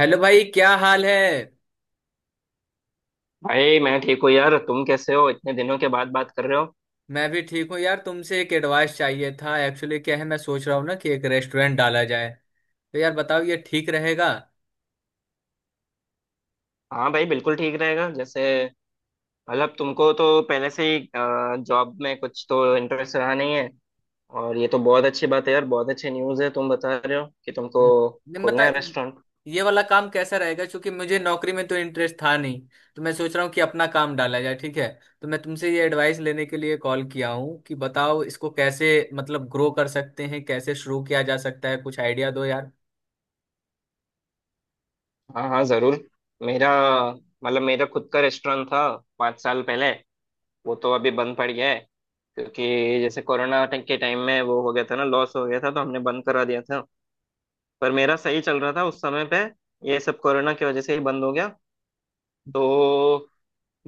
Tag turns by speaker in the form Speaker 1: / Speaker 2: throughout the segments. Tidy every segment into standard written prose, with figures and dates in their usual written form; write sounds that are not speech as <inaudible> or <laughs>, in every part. Speaker 1: Hello भाई, क्या हाल है।
Speaker 2: भाई मैं ठीक हूँ यार, तुम कैसे हो? इतने दिनों के बाद बात कर रहे हो।
Speaker 1: मैं भी ठीक हूँ यार। तुमसे एक एडवाइस चाहिए था। एक्चुअली क्या है, मैं सोच रहा हूँ ना कि एक रेस्टोरेंट डाला जाए। तो यार बताओ, ये ठीक रहेगा।
Speaker 2: हाँ भाई, बिल्कुल ठीक रहेगा। जैसे तुमको तो पहले से ही जॉब में कुछ तो इंटरेस्ट रहा नहीं है। और ये तो बहुत अच्छी बात है यार, बहुत अच्छी न्यूज़ है, तुम बता रहे हो कि तुमको
Speaker 1: हम्म, नहीं,
Speaker 2: खोलना है
Speaker 1: मतलब
Speaker 2: रेस्टोरेंट।
Speaker 1: ये वाला काम कैसा रहेगा, क्योंकि मुझे नौकरी में तो इंटरेस्ट था नहीं। तो मैं सोच रहा हूँ कि अपना काम डाला जाए, ठीक है। तो मैं तुमसे ये एडवाइस लेने के लिए कॉल किया हूँ कि बताओ, इसको कैसे मतलब ग्रो कर सकते हैं, कैसे शुरू किया जा सकता है, कुछ आइडिया दो यार।
Speaker 2: हाँ हाँ ज़रूर। मेरा मेरा खुद का रेस्टोरेंट था 5 साल पहले। वो तो अभी बंद पड़ गया है, क्योंकि जैसे कोरोना के टाइम में वो हो गया था ना, लॉस हो गया था तो हमने बंद करा दिया था। पर मेरा सही चल रहा था उस समय पे, ये सब कोरोना की वजह से ही बंद हो गया। तो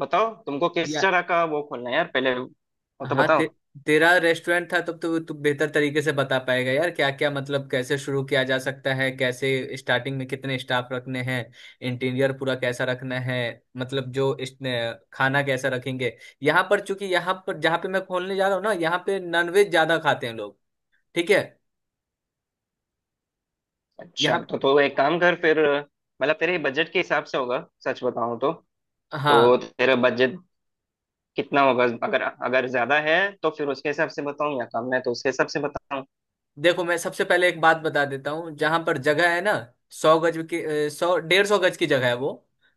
Speaker 2: बताओ तुमको किस
Speaker 1: या,
Speaker 2: तरह का वो खोलना है यार, पहले वो तो
Speaker 1: हाँ,
Speaker 2: बताओ।
Speaker 1: तेरा रेस्टोरेंट था तब तो तू बेहतर तरीके से बता पाएगा यार, क्या क्या मतलब कैसे शुरू किया जा सकता है, कैसे स्टार्टिंग में कितने स्टाफ रखने हैं, इंटीरियर पूरा कैसा रखना है, मतलब जो इस खाना कैसा रखेंगे। यहाँ पर चूंकि यहाँ पर जहाँ पे मैं खोलने जा रहा हूँ ना, यहाँ पे नॉनवेज ज्यादा खाते हैं लोग। ठीक है।
Speaker 2: अच्छा,
Speaker 1: यहाँ
Speaker 2: तो एक काम कर फिर। मतलब तेरे बजट के हिसाब से होगा सच बताऊं तो। तो
Speaker 1: हाँ,
Speaker 2: तेरा बजट कितना होगा? अगर अगर ज्यादा है तो फिर उसके हिसाब से बताऊं, या कम है तो उसके हिसाब से बताऊं।
Speaker 1: देखो मैं सबसे पहले एक बात बता देता हूँ। जहां पर जगह है ना, सौ गज की 100-150 गज की जगह है वो।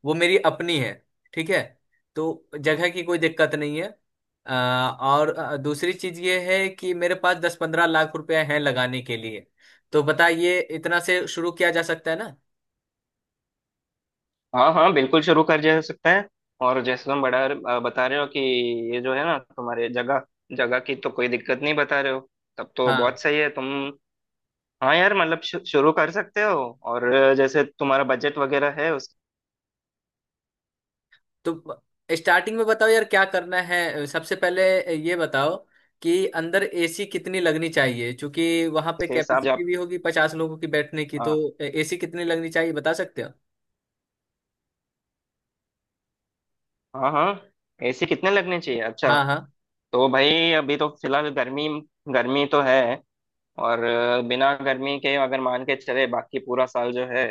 Speaker 1: वो मेरी अपनी है, ठीक है। तो जगह की कोई दिक्कत नहीं है। अ, और दूसरी चीज ये है कि मेरे पास 10-15 लाख रुपए हैं लगाने के लिए। तो बताइए, इतना से शुरू किया जा सकता है ना।
Speaker 2: हाँ हाँ बिल्कुल, शुरू कर जा सकता है। और जैसे तुम बड़ा बता रहे हो कि ये जो है ना तुम्हारे जगह, जगह की तो कोई दिक्कत नहीं बता रहे हो, तब तो
Speaker 1: हाँ।
Speaker 2: बहुत सही है तुम। हाँ यार, मतलब शुरू कर सकते हो। और जैसे तुम्हारा बजट वगैरह है उसके
Speaker 1: तो स्टार्टिंग में बताओ यार क्या करना है सबसे पहले। ये बताओ कि अंदर एसी कितनी लगनी चाहिए, क्योंकि वहां पे
Speaker 2: हिसाब से
Speaker 1: कैपेसिटी
Speaker 2: आप।
Speaker 1: भी होगी 50 लोगों की बैठने की, तो
Speaker 2: हाँ
Speaker 1: एसी कितनी लगनी चाहिए बता सकते हो।
Speaker 2: हाँ। हाँ, ऐसे कितने लगने चाहिए? अच्छा।
Speaker 1: हाँ हाँ।
Speaker 2: तो भाई अभी तो फिलहाल गर्मी गर्मी तो है। और बिना गर्मी के अगर मान के चले बाकी पूरा साल जो है,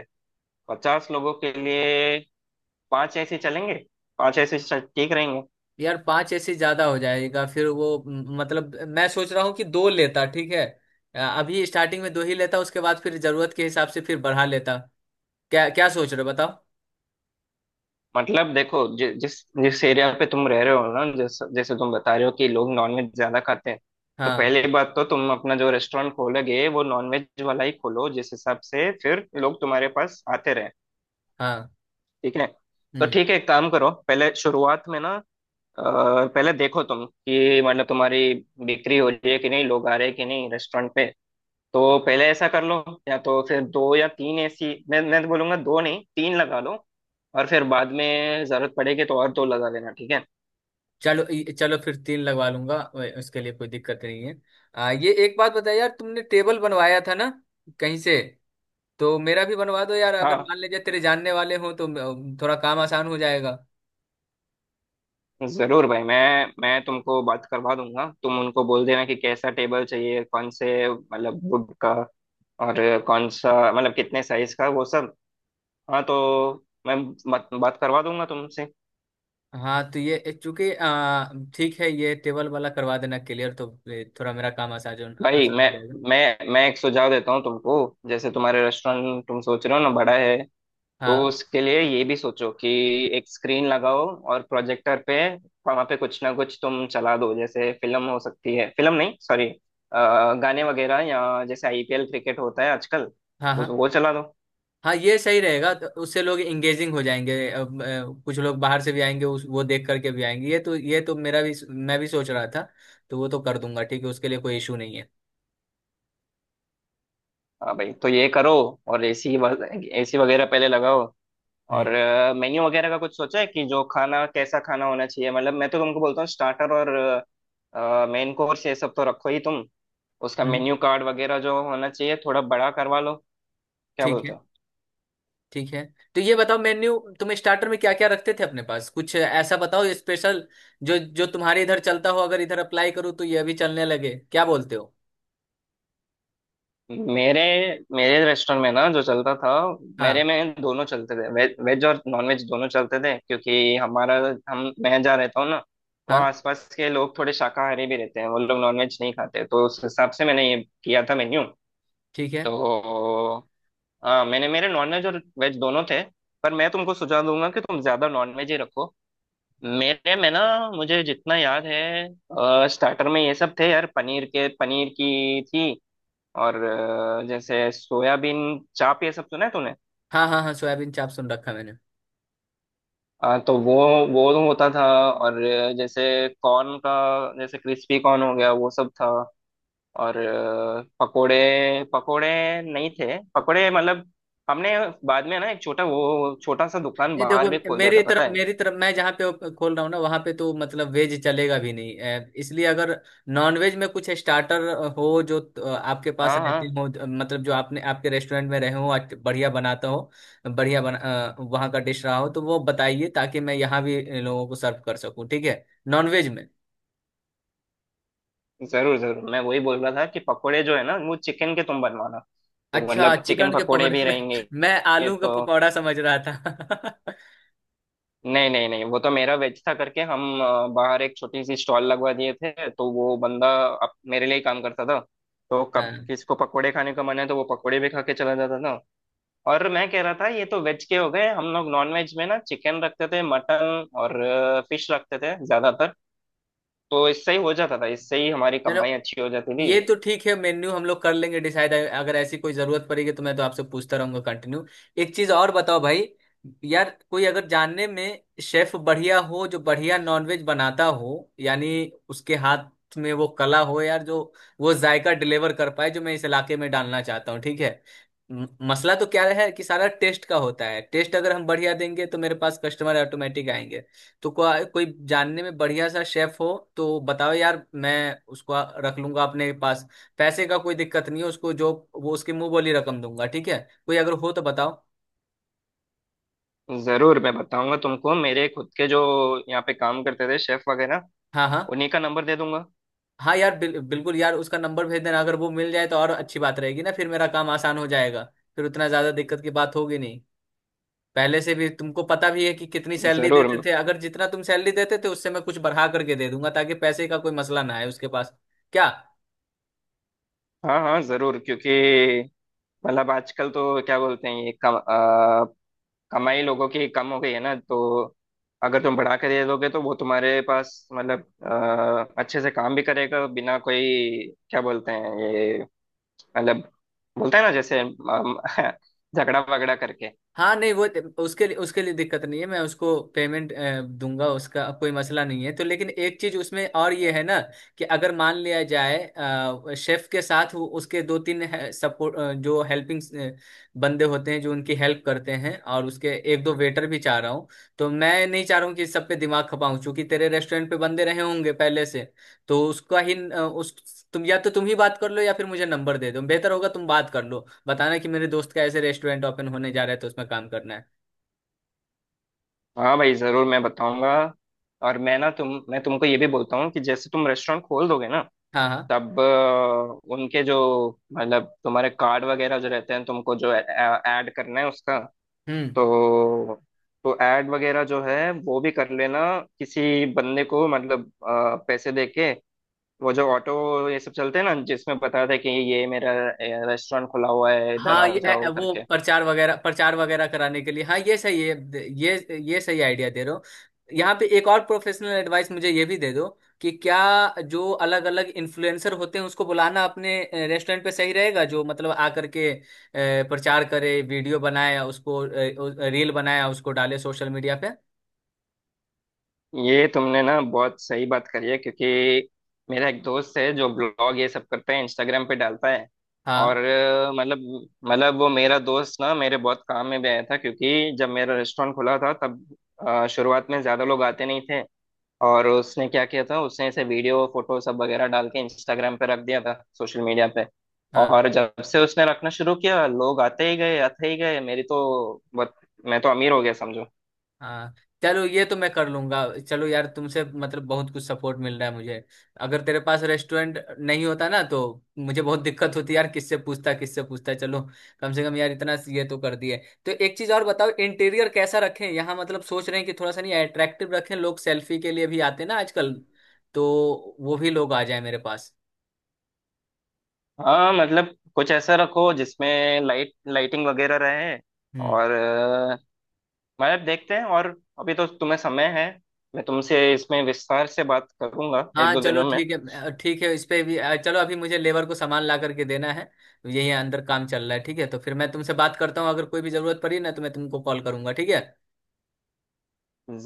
Speaker 2: 50 लोगों के लिए 5 ऐसे चलेंगे। ठीक रहेंगे।
Speaker 1: यार पांच एसी ज्यादा हो जाएगा, फिर वो मतलब मैं सोच रहा हूँ कि दो लेता, ठीक है। अभी स्टार्टिंग में दो ही लेता, उसके बाद फिर जरूरत के हिसाब से फिर बढ़ा लेता। क्या क्या सोच रहे हो बताओ।
Speaker 2: मतलब देखो, जिस जिस एरिया पे तुम रह रहे हो ना, जैसे जैसे तुम बता रहे हो कि लोग नॉनवेज ज्यादा खाते हैं, तो
Speaker 1: हाँ
Speaker 2: पहली बात तो तुम अपना जो रेस्टोरेंट खोलोगे वो नॉनवेज वाला ही खोलो, जिस हिसाब से फिर लोग तुम्हारे पास आते रहे।
Speaker 1: हाँ।
Speaker 2: ठीक है। तो
Speaker 1: हम्म।
Speaker 2: ठीक है, एक काम करो पहले शुरुआत में ना। अ, पहले देखो तुम कि मतलब तुम्हारी बिक्री हो रही है कि नहीं, लोग आ रहे हैं कि नहीं रेस्टोरेंट पे। तो पहले ऐसा कर लो, या तो फिर दो या तीन ऐसी मैं तो बोलूंगा, दो नहीं तीन लगा लो। और फिर बाद में जरूरत पड़ेगी तो और दो लगा लेना। ठीक है।
Speaker 1: चलो फिर तीन लगवा लूंगा, उसके लिए कोई दिक्कत नहीं है। ये एक बात बताया यार, तुमने टेबल बनवाया था ना कहीं से। तो मेरा भी बनवा दो यार, अगर
Speaker 2: हाँ
Speaker 1: मान लीजिए तेरे जानने वाले हों तो थोड़ा काम आसान हो जाएगा।
Speaker 2: जरूर भाई, मैं तुमको बात करवा दूंगा। तुम उनको बोल देना कि कैसा टेबल चाहिए, कौन से मतलब वुड का, और कौन सा मतलब कितने साइज का, वो सब। हाँ तो मैं बात बात करवा दूंगा तुमसे।
Speaker 1: हाँ। तो ये चूंकि ठीक है, ये टेबल वाला करवा देना, क्लियर। तो ये थोड़ा मेरा काम आसान
Speaker 2: भाई
Speaker 1: आसान हो जाएगा।
Speaker 2: मैं एक सुझाव देता हूँ तुमको। जैसे तुम्हारे रेस्टोरेंट तुम सोच रहे हो ना बड़ा है, तो
Speaker 1: हाँ
Speaker 2: उसके लिए ये भी सोचो कि एक स्क्रीन लगाओ, और प्रोजेक्टर पे वहां पे कुछ ना कुछ तुम चला दो, जैसे फिल्म हो सकती है, फिल्म नहीं सॉरी, गाने वगैरह, या जैसे आईपीएल क्रिकेट होता है आजकल,
Speaker 1: हाँ हाँ
Speaker 2: वो चला दो।
Speaker 1: हाँ, ये सही रहेगा, तो उससे लोग इंगेजिंग हो जाएंगे। अब, कुछ लोग बाहर से भी आएंगे, उस वो देख करके भी आएंगे। ये तो मेरा भी, मैं भी सोच रहा था। तो वो तो कर दूंगा, ठीक है, उसके लिए कोई इशू नहीं है।
Speaker 2: हाँ भाई तो ये करो। और एसी, एसी वगैरह पहले लगाओ।
Speaker 1: हम्म।
Speaker 2: और मेन्यू वगैरह का कुछ सोचा है कि जो खाना कैसा खाना होना चाहिए? मतलब मैं तो तुमको बोलता हूँ स्टार्टर और मेन कोर्स ये सब तो रखो ही तुम। उसका
Speaker 1: हम्म।
Speaker 2: मेन्यू कार्ड वगैरह जो होना चाहिए थोड़ा बड़ा करवा लो। क्या
Speaker 1: ठीक है।
Speaker 2: बोलते हो?
Speaker 1: ठीक है। तो ये बताओ, मेन्यू तुम स्टार्टर में क्या क्या रखते थे अपने पास, कुछ ऐसा बताओ स्पेशल, जो जो तुम्हारे इधर चलता हो। अगर इधर अप्लाई करूँ तो ये भी चलने लगे, क्या बोलते हो।
Speaker 2: मेरे मेरे रेस्टोरेंट में ना जो चलता था, मेरे
Speaker 1: हाँ
Speaker 2: में दोनों चलते थे, वेज वेज और नॉन वेज दोनों चलते थे। क्योंकि हमारा, हम मैं जहाँ रहता हूँ ना,
Speaker 1: हाँ।
Speaker 2: वहाँ आसपास के लोग थोड़े शाकाहारी भी रहते हैं, वो लोग नॉन वेज नहीं खाते, तो उस हिसाब से मैंने ये किया था मेन्यू।
Speaker 1: ठीक है।
Speaker 2: तो हाँ, मैंने मेरे नॉन वेज और वेज दोनों थे। पर मैं तुमको सुझाव दूंगा कि तुम ज्यादा नॉन वेज ही रखो। मेरे में ना, मुझे जितना याद है स्टार्टर में ये सब थे यार, पनीर की थी। और जैसे सोयाबीन चाप, ये सब सुना है तूने?
Speaker 1: हाँ हाँ हाँ, सोयाबीन चाप सुन रखा मैंने।
Speaker 2: तो वो होता था। और जैसे कॉर्न का, जैसे क्रिस्पी कॉर्न हो गया, वो सब था। और पकोड़े पकोड़े नहीं थे। पकोड़े मतलब, हमने बाद में ना एक छोटा सा दुकान
Speaker 1: नहीं,
Speaker 2: बाहर
Speaker 1: देखो
Speaker 2: भी खोल दिया था,
Speaker 1: मेरी
Speaker 2: पता
Speaker 1: तरफ,
Speaker 2: है?
Speaker 1: मेरी तरफ मैं जहाँ पे खोल रहा हूँ ना, वहाँ पे तो मतलब वेज चलेगा भी नहीं। इसलिए अगर नॉन वेज में कुछ स्टार्टर हो जो आपके पास
Speaker 2: हाँ
Speaker 1: रहते
Speaker 2: हाँ
Speaker 1: हो, मतलब जो आपने आपके रेस्टोरेंट में रहे हो, आज बढ़िया बनाता हो, बढ़िया बना वहाँ का डिश रहा हो, तो वो बताइए ताकि मैं यहाँ भी लोगों को सर्व कर सकूँ। ठीक है, नॉन वेज में।
Speaker 2: जरूर जरूर, मैं वही बोल रहा था कि पकोड़े जो है ना, वो चिकन के तुम बनवाना। तो
Speaker 1: अच्छा,
Speaker 2: मतलब चिकन
Speaker 1: चिकन के
Speaker 2: पकोड़े
Speaker 1: पकौड़े
Speaker 2: भी
Speaker 1: में।
Speaker 2: रहेंगे।
Speaker 1: <laughs> मैं आलू का
Speaker 2: तो
Speaker 1: पकौड़ा समझ रहा था। <laughs>
Speaker 2: नहीं नहीं नहीं, वो तो मेरा वेज था करके, हम बाहर एक छोटी सी स्टॉल लगवा दिए थे, तो वो बंदा मेरे लिए ही काम करता था। तो कब
Speaker 1: हाँ
Speaker 2: किसको पकोड़े खाने का मन है तो वो पकोड़े भी खा के चला जाता था। और मैं कह रहा था ये तो वेज के हो गए, हम लोग नॉन वेज में ना चिकन रखते थे, मटन और फिश रखते थे ज्यादातर। तो इससे ही हो जाता था, इससे ही हमारी
Speaker 1: चलो,
Speaker 2: कमाई अच्छी हो जाती थी।
Speaker 1: ये तो ठीक है, मेन्यू हम लोग कर लेंगे डिसाइड। अगर ऐसी कोई जरूरत पड़ेगी तो मैं तो आपसे पूछता रहूंगा कंटिन्यू। एक चीज और बताओ भाई, यार कोई अगर जानने में शेफ बढ़िया हो, जो बढ़िया नॉनवेज बनाता हो, यानी उसके हाथ में वो कला हो यार, जो वो जायका डिलीवर कर पाए जो मैं इस इलाके में डालना चाहता हूँ, ठीक है। मसला तो क्या है कि सारा टेस्ट का होता है। टेस्ट अगर हम बढ़िया देंगे तो मेरे पास कस्टमर ऑटोमेटिक आएंगे। तो कोई जानने में बढ़िया सा शेफ हो तो बताओ यार, मैं उसको रख लूंगा अपने पास। पैसे का कोई दिक्कत नहीं है उसको, जो वो उसके मुंह बोली रकम दूंगा, ठीक है। कोई अगर हो तो बताओ।
Speaker 2: जरूर मैं बताऊंगा तुमको, मेरे खुद के जो यहाँ पे काम करते थे शेफ वगैरह,
Speaker 1: हाँ हाँ।
Speaker 2: उन्हीं का नंबर दे दूंगा।
Speaker 1: हाँ यार, बिल्कुल यार, उसका नंबर भेज देना, अगर वो मिल जाए तो और अच्छी बात रहेगी ना, फिर मेरा काम आसान हो जाएगा, फिर उतना ज्यादा दिक्कत की बात होगी नहीं। पहले से भी तुमको पता भी है कि कितनी सैलरी
Speaker 2: जरूर।
Speaker 1: देते थे, अगर जितना तुम सैलरी देते थे उससे मैं कुछ बढ़ा करके दे दूंगा ताकि पैसे का कोई मसला ना आए उसके पास। क्या।
Speaker 2: हाँ हाँ जरूर, क्योंकि मतलब आजकल तो क्या बोलते हैं ये कमाई लोगों की कम हो गई है ना। तो अगर तुम बढ़ा के दे दोगे, तो वो तुम्हारे पास मतलब अच्छे से काम भी करेगा, बिना कोई, क्या बोलते हैं ये, मतलब बोलते हैं ना जैसे <laughs> झगड़ा वगड़ा करके।
Speaker 1: हाँ नहीं वो, उसके लिए, उसके लिए दिक्कत नहीं है, मैं उसको पेमेंट दूंगा, उसका कोई मसला नहीं है तो। लेकिन एक चीज उसमें और ये है ना, कि अगर मान लिया जाए शेफ के साथ वो उसके दो तीन सपोर्ट, जो हेल्पिंग बंदे होते हैं जो उनकी हेल्प करते हैं, और उसके एक दो वेटर भी चाह रहा हूँ। तो मैं नहीं चाह रहा हूँ कि सब पे दिमाग खपाऊं क्योंकि तेरे रेस्टोरेंट पे बंदे रहे होंगे पहले से। तो उसका ही उस तुम या तो तुम ही बात कर लो, या फिर मुझे नंबर दे दो। बेहतर होगा तुम बात कर लो, बताना कि मेरे दोस्त का ऐसे रेस्टोरेंट ओपन होने जा रहा है, तो उसमें काम करना है।
Speaker 2: हाँ भाई जरूर मैं बताऊंगा। और मैं तुमको ये भी बोलता हूँ कि जैसे तुम रेस्टोरेंट खोल दोगे ना,
Speaker 1: हाँ हाँ।
Speaker 2: तब उनके जो, मतलब तुम्हारे कार्ड वगैरह जो रहते हैं, तुमको जो ऐड करना है उसका,
Speaker 1: हम्म।
Speaker 2: तो तो ऐड वगैरह जो है वो भी कर लेना। किसी बंदे को मतलब पैसे देके, वो जो ऑटो ये सब चलते हैं ना, जिसमें बताते हैं कि ये मेरा रेस्टोरेंट खुला हुआ है, इधर
Speaker 1: हाँ,
Speaker 2: आ
Speaker 1: ये
Speaker 2: जाओ
Speaker 1: वो
Speaker 2: करके।
Speaker 1: प्रचार वगैरह, प्रचार वगैरह कराने के लिए, हाँ ये सही है। ये सही आइडिया दे रहे हो। यहाँ पे एक और प्रोफेशनल एडवाइस मुझे ये भी दे दो, कि क्या जो अलग अलग इन्फ्लुएंसर होते हैं उसको बुलाना अपने रेस्टोरेंट पे सही रहेगा, जो मतलब आकर के प्रचार करे, वीडियो बनाए, उसको रील बनाए, उसको डाले सोशल मीडिया पे।
Speaker 2: ये तुमने ना बहुत सही बात करी है, क्योंकि मेरा एक दोस्त है जो ब्लॉग ये सब करता है, इंस्टाग्राम पे डालता है। और
Speaker 1: हाँ
Speaker 2: मतलब वो मेरा दोस्त ना मेरे बहुत काम में भी आया था, क्योंकि जब मेरा रेस्टोरेंट खुला था तब शुरुआत में ज़्यादा लोग आते नहीं थे। और उसने क्या किया था, उसने ऐसे वीडियो फोटो सब वगैरह डाल के इंस्टाग्राम पे रख दिया था, सोशल मीडिया पे।
Speaker 1: हाँ
Speaker 2: और जब से उसने रखना शुरू किया, लोग आते ही गए, आते ही गए, मेरी तो बहुत, मैं तो अमीर हो गया समझो।
Speaker 1: हाँ। चलो ये तो मैं कर लूंगा। चलो यार, तुमसे मतलब बहुत कुछ सपोर्ट मिल रहा है मुझे, अगर तेरे पास रेस्टोरेंट नहीं होता ना तो मुझे बहुत दिक्कत होती यार। किससे पूछता, किससे पूछता। चलो, कम से कम यार इतना ये तो कर दिए। तो एक चीज और बताओ, इंटीरियर कैसा रखें यहाँ, मतलब सोच रहे हैं कि थोड़ा सा नहीं अट्रैक्टिव रखें, लोग सेल्फी के लिए भी आते हैं ना आजकल, तो वो भी लोग आ जाए मेरे पास।
Speaker 2: हाँ मतलब कुछ ऐसा रखो जिसमें लाइट, लाइटिंग वगैरह रहे।
Speaker 1: हम्म।
Speaker 2: और मतलब देखते हैं। और अभी तो तुम्हें समय है, मैं तुमसे इसमें विस्तार से बात करूंगा एक
Speaker 1: हाँ
Speaker 2: दो
Speaker 1: चलो
Speaker 2: दिनों में।
Speaker 1: ठीक है। ठीक है इस पे भी। चलो अभी मुझे लेबर को सामान ला करके देना है, यही अंदर काम चल रहा है, ठीक है। तो फिर मैं तुमसे बात करता हूँ, अगर कोई भी जरूरत पड़ी ना तो मैं तुमको कॉल करूंगा, ठीक है।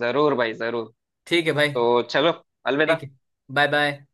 Speaker 2: जरूर भाई जरूर।
Speaker 1: ठीक है भाई।
Speaker 2: तो चलो,
Speaker 1: ठीक
Speaker 2: अलविदा।
Speaker 1: है। Bye bye.